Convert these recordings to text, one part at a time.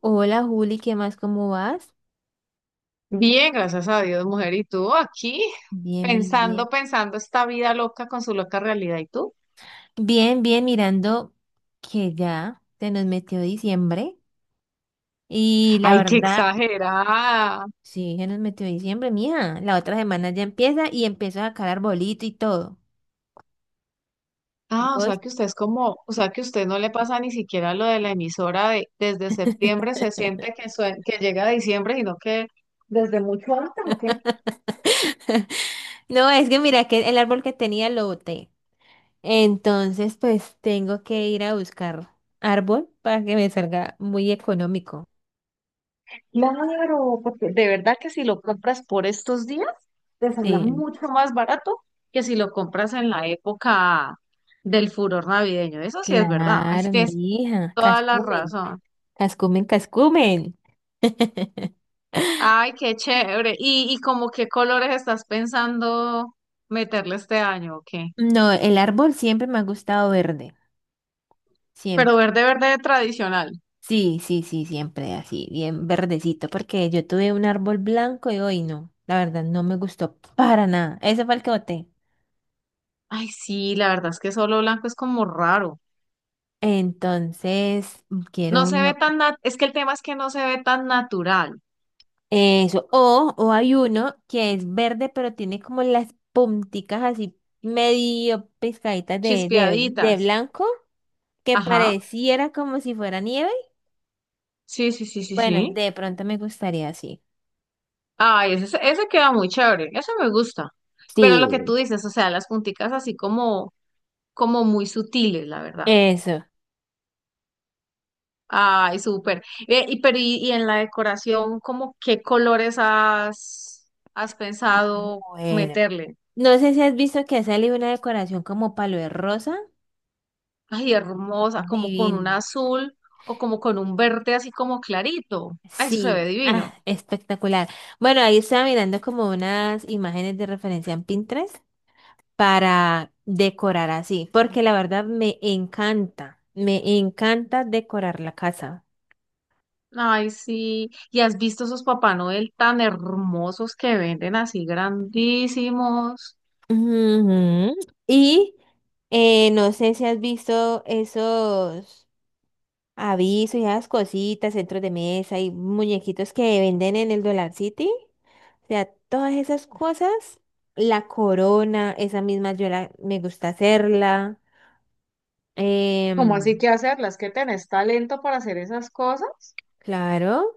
Hola Juli, ¿qué más? ¿Cómo vas? Bien, gracias a Dios, mujer. ¿Y tú aquí? Bien, bien, bien. Pensando, pensando esta vida loca con su loca realidad. ¿Y tú? Bien, bien, mirando que ya se nos metió diciembre y la ¡Ay, qué verdad, exagerada! sí, se nos metió diciembre, mija. La otra semana ya empieza y empiezo a sacar arbolito y todo. Ah, o sea ¿Vos? que usted es como, o sea que usted no le pasa ni siquiera lo de la emisora de desde septiembre se siente que, que llega diciembre, sino que desde mucho antes, ¿o qué? No, es que mira que el árbol que tenía lo boté. Entonces, pues tengo que ir a buscar árbol para que me salga muy económico. Claro, porque de verdad que si lo compras por estos días, te sale Sí, mucho más barato que si lo compras en la época del furor navideño. Eso sí es verdad. Así claro, que es mija, Toda la cascume. razón. Cascumen, cascumen. Ay, qué chévere. ¿Y como qué colores estás pensando meterle este año o qué? No, el árbol siempre me ha gustado verde. Pero Siempre. verde, verde tradicional. Sí, sí, sí, siempre así, bien verdecito, porque yo tuve un árbol blanco y hoy no. La verdad, no me gustó para nada. Ese fue el que boté. Ay, sí, la verdad es que solo blanco es como raro. Entonces, No quiero se ve uno. tan es que el tema es que no se ve tan natural. Eso. O hay uno que es verde, pero tiene como las punticas así medio pescaditas de Chispeaditas. blanco, que Ajá. pareciera como si fuera nieve. Sí, sí, sí, sí, Bueno, sí. de pronto me gustaría así. Ay, ese, ese queda muy chévere. Ese me gusta. Pero lo que Sí. tú dices, o sea, las punticas así como, como muy sutiles, la verdad. Eso. Ay, súper. Ve, y, pero y en la decoración, ¿cómo qué colores has pensado Bueno. meterle? No sé si has visto que ha salido una decoración como palo de rosa. Ay, hermosa, como con un Divino. azul o como con un verde así como clarito. Ay, eso se ve Sí. Ah, divino. espectacular. Bueno, ahí estaba mirando como unas imágenes de referencia en Pinterest para decorar así, porque la verdad me encanta decorar la casa. Ay, sí. ¿Y has visto esos Papá Noel tan hermosos que venden así grandísimos? Ujú. Y no sé si has visto esos. Aviso y esas cositas, centros de mesa y muñequitos que venden en el Dollar City. O sea, todas esas cosas. La corona, esa misma yo la, me gusta hacerla. ¿Cómo así Em, que hacerlas? ¿Que tenés talento para hacer esas cosas? claro,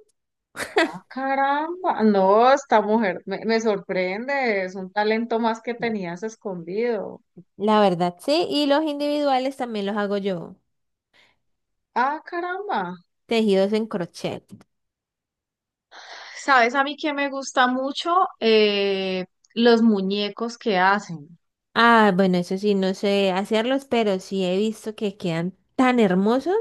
Ah, caramba, no, esta mujer me sorprende, es un talento más que tenías escondido. la verdad sí. Y los individuales también los hago yo. Ah, caramba. Tejidos en crochet. ¿Sabes a mí que me gusta mucho? Eh, los muñecos que hacen. Ah, bueno, eso sí, no sé hacerlos, pero sí he visto que quedan tan hermosos.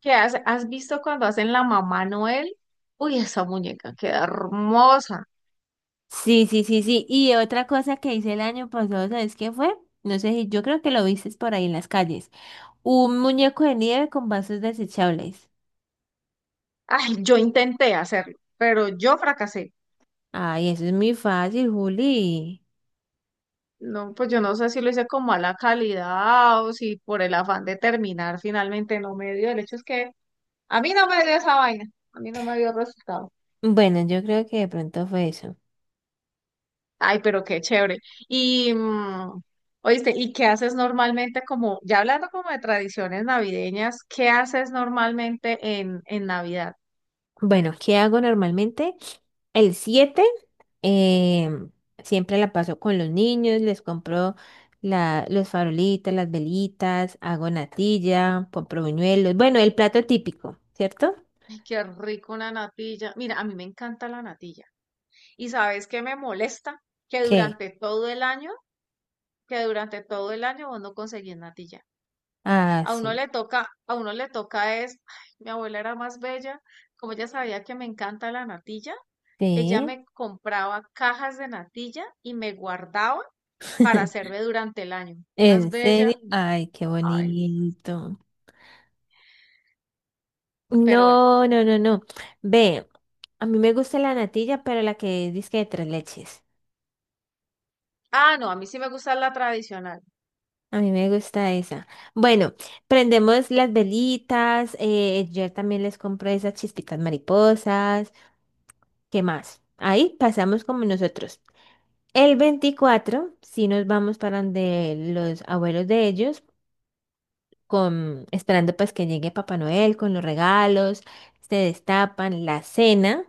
¿Qué hace? ¿Has visto cuando hacen la mamá Noel? Uy, esa muñeca queda hermosa. Sí, sí, sí, sí. Y otra cosa que hice el año pasado, ¿sabes qué fue? No sé si yo creo que lo viste por ahí en las calles. Un muñeco de nieve con vasos desechables. Ay, yo intenté hacerlo, pero yo fracasé. Ay, eso es muy fácil, Juli. No, pues yo no sé si lo hice con mala calidad o si por el afán de terminar finalmente no me dio. El hecho es que a mí no me dio esa vaina, a mí no me dio resultado. Bueno, yo creo que de pronto fue eso. Ay, pero qué chévere. Y, oíste, ¿y qué haces normalmente como, ya hablando como de tradiciones navideñas, ¿qué haces normalmente en Navidad? Bueno, ¿qué hago normalmente? ¿El 7? em, siempre la paso con los niños, les compro los farolitos, las velitas, hago natilla, compro buñuelos. Bueno, el plato típico, ¿cierto? Ay, qué rico una natilla. Mira, a mí me encanta la natilla. ¿Y sabes qué me molesta? Que ¿Qué? durante todo el año, que durante todo el año vos no conseguís natilla. Ah, A uno sí. le toca, a uno le toca es, ay, mi abuela era más bella, como ella sabía que me encanta la natilla, ella Sí, me compraba cajas de natilla y me guardaba para hacerme durante el año. Más en serio. bella, Ay, qué ay, bonito. pero bueno. No, no, no, no. Ve, a mí me gusta la natilla, pero la que dice de tres leches. Ah, no, a mí sí me gusta la tradicional. A mí me gusta esa. Bueno, prendemos las velitas. Yo también les compro esas chispitas mariposas. ¿Qué más? Ahí pasamos como nosotros. El 24, si nos vamos para donde los abuelos de ellos con, esperando pues que llegue Papá Noel con los regalos, se destapan la cena.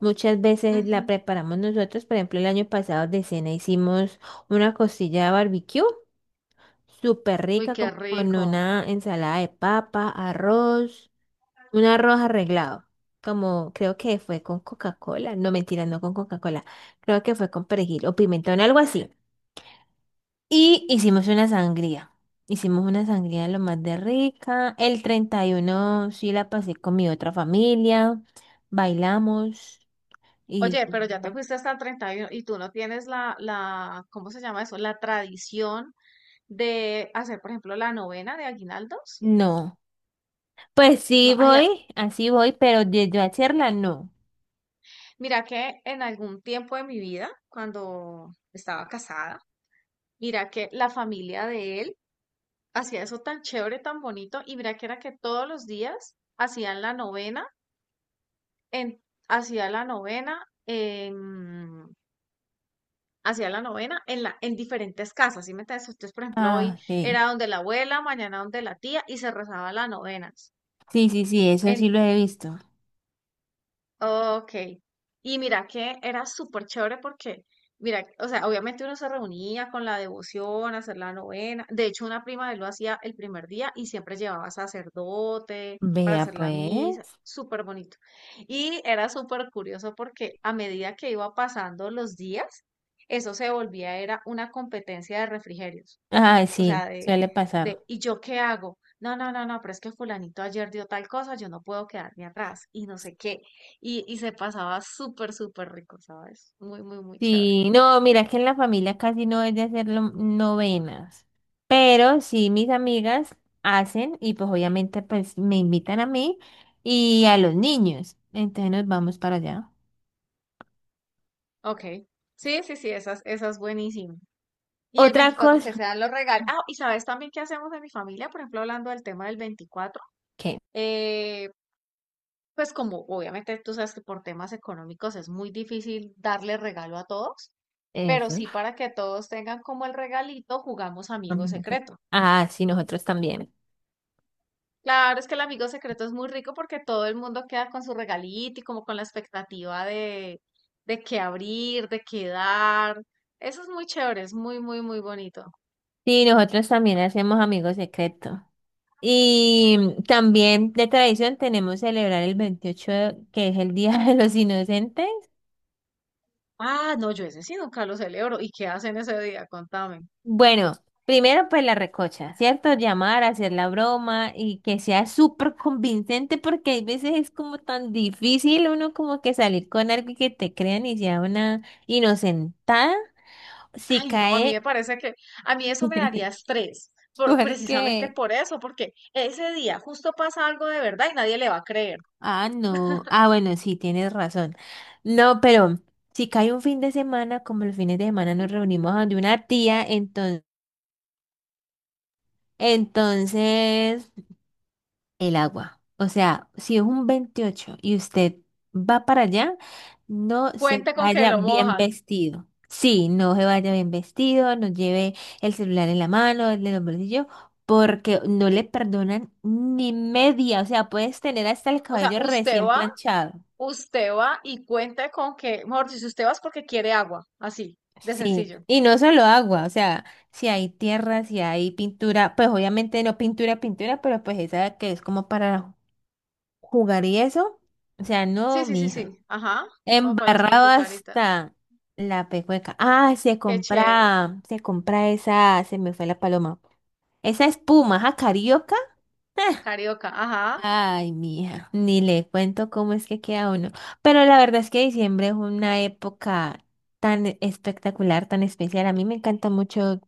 Muchas veces la Ujú. preparamos nosotros, por ejemplo, el año pasado de cena hicimos una costilla de barbecue, súper Uy, rica, qué como con rico. una ensalada de papa, arroz, un arroz arreglado, como creo que fue con Coca-Cola, no mentira, no con Coca-Cola, creo que fue con perejil o pimentón, algo así. Y hicimos una sangría. Hicimos una sangría lo más de rica. El 31 sí la pasé con mi otra familia. Bailamos y... Oye, pero ya te fuiste hasta el 31 y uno y tú no tienes la, ¿cómo se llama eso? La tradición de hacer, por ejemplo, la novena de aguinaldos. No. Pues sí No, ay, voy, así voy, pero de yo hacerla no. mira que en algún tiempo de mi vida, cuando estaba casada, mira que la familia de él hacía eso tan chévere, tan bonito, y mira que era que todos los días hacían la novena, en, hacía la novena, en, hacía la novena en diferentes casas, ¿sí me entiendes? Entonces, por ejemplo, hoy Ah, sí. era donde la abuela, mañana donde la tía, y se rezaba la novena. Sí, sí, sí, eso sí lo he visto. Ok. Y mira que era súper chévere porque, mira, o sea, obviamente uno se reunía con la devoción, hacer la novena. De hecho, una prima de él lo hacía el primer día y siempre llevaba sacerdote para Vea hacer la misa. pues. Súper bonito. Y era súper curioso porque a medida que iba pasando los días, eso se volvía, era una competencia de refrigerios Ah, o sí, sea, suele pasar. ¿y yo qué hago? No, no, no, no, pero es que fulanito ayer dio tal cosa, yo no puedo quedarme atrás y no sé qué. Y se pasaba súper, súper rico, ¿sabes? Muy, muy, muy chévere. Sí, no, mira, es que en la familia casi no es de hacer novenas, pero sí mis amigas hacen y pues obviamente pues me invitan a mí y a los niños, entonces nos vamos para allá. Ok. Sí, sí, sí, esa, esa es buenísima. Y el Otra 24 cosa, que sean los regalos. Ah, y sabes también qué hacemos en mi familia, por ejemplo, hablando del tema del 24. ¿qué? Eh, pues como obviamente tú sabes que por temas económicos es muy difícil darle regalo a todos, pero Eso. sí para que todos tengan como el regalito, jugamos amigo No sé. secreto. Ah, sí, nosotros también. Claro, es que el amigo secreto es muy rico porque todo el mundo queda con su regalito y como con la expectativa de qué abrir, de qué dar. Eso es muy chévere, es muy, muy, muy bonito. Sí, nosotros también hacemos amigos secretos. Y también de tradición tenemos celebrar el 28 que es el Día de los Inocentes. Ah, no, yo ese sí nunca lo celebro. ¿Y qué hacen ese día? Contame. Bueno, primero pues la recocha, ¿cierto? Llamar, hacer la broma y que sea súper convincente porque hay veces es como tan difícil uno como que salir con algo y que te crean y sea una inocentada si Ay, no, a mí cae me parece que a mí eso me daría estrés, precisamente porque, por eso, porque ese día justo pasa algo de verdad y nadie le va a creer. ah, no, ah, bueno, sí, tienes razón. No, pero si cae un fin de semana, como los fines de semana nos reunimos donde una tía, entonces... Entonces, el agua. O sea, si es un 28 y usted va para allá, no se Cuente con que vaya lo bien mojan. vestido. Sí, no se vaya bien vestido, no lleve el celular en la mano, el de los bolsillos, porque no le perdonan ni media. O sea, puedes tener hasta el O sea, cabello usted recién va. planchado. Usted va y cuenta con que, mejor dicho, si usted va es porque quiere agua, así, de Sí, sencillo. y no solo agua, o sea, si hay tierra, si hay pintura, pues obviamente no pintura, pintura, pero pues esa que es como para jugar y eso, o sea, Sí, no, sí, sí, mija. sí, ajá, como para las Embarrado pintucaritas. hasta la pecueca. Ah, Qué chévere, se compra esa, se me fue la paloma. Esa espuma, ¿ja, carioca? Ah, carioca, ajá. ay, mija, ni le cuento cómo es que queda uno. Pero la verdad es que diciembre es una época tan espectacular, tan especial. A mí me encanta mucho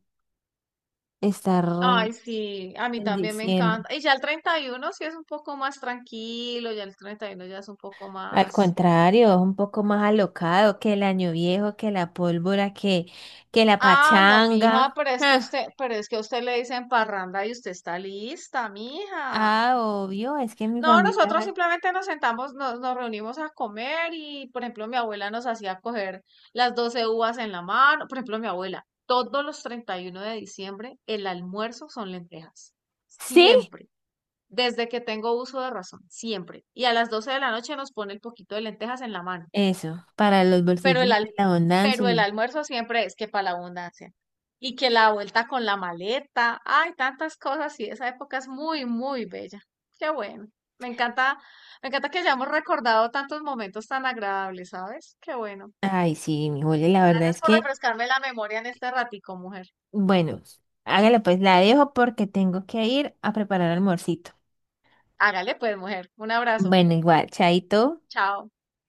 estar Ay, sí, a mí en también me diciembre. encanta. Y ya el 31 sí es un poco más tranquilo, ya el 31 ya es un poco Al más... contrario, es un poco más alocado que el año viejo, que la pólvora, que la Ah, no, mija, pachanga. pero es que usted, pero es que a usted le dicen parranda y usted está lista, mija. Ah, obvio, es que mi No, familia. nosotros simplemente nos sentamos, nos reunimos a comer y, por ejemplo, mi abuela nos hacía coger las 12 uvas en la mano. Por ejemplo, mi abuela, todos los 31 de diciembre, el almuerzo son lentejas. Sí, Siempre. Desde que tengo uso de razón, siempre. Y a las 12 de la noche nos pone el poquito de lentejas en la mano. eso, para los Pero el, bolsillitos, la abundancia. pero el Y... almuerzo siempre es que para la abundancia. Y que la vuelta con la maleta, hay tantas cosas y esa época es muy, muy bella. Qué bueno. Me encanta, me, encanta que hayamos recordado tantos momentos tan agradables, ¿sabes? Qué bueno. Ay, sí, mi Julia, la verdad Gracias es por que, refrescarme la memoria en este ratico, mujer. bueno, hágale pues, la dejo porque tengo que ir a preparar almuercito. Hágale pues, mujer. Un abrazo. Bueno, igual, chaito. Chao.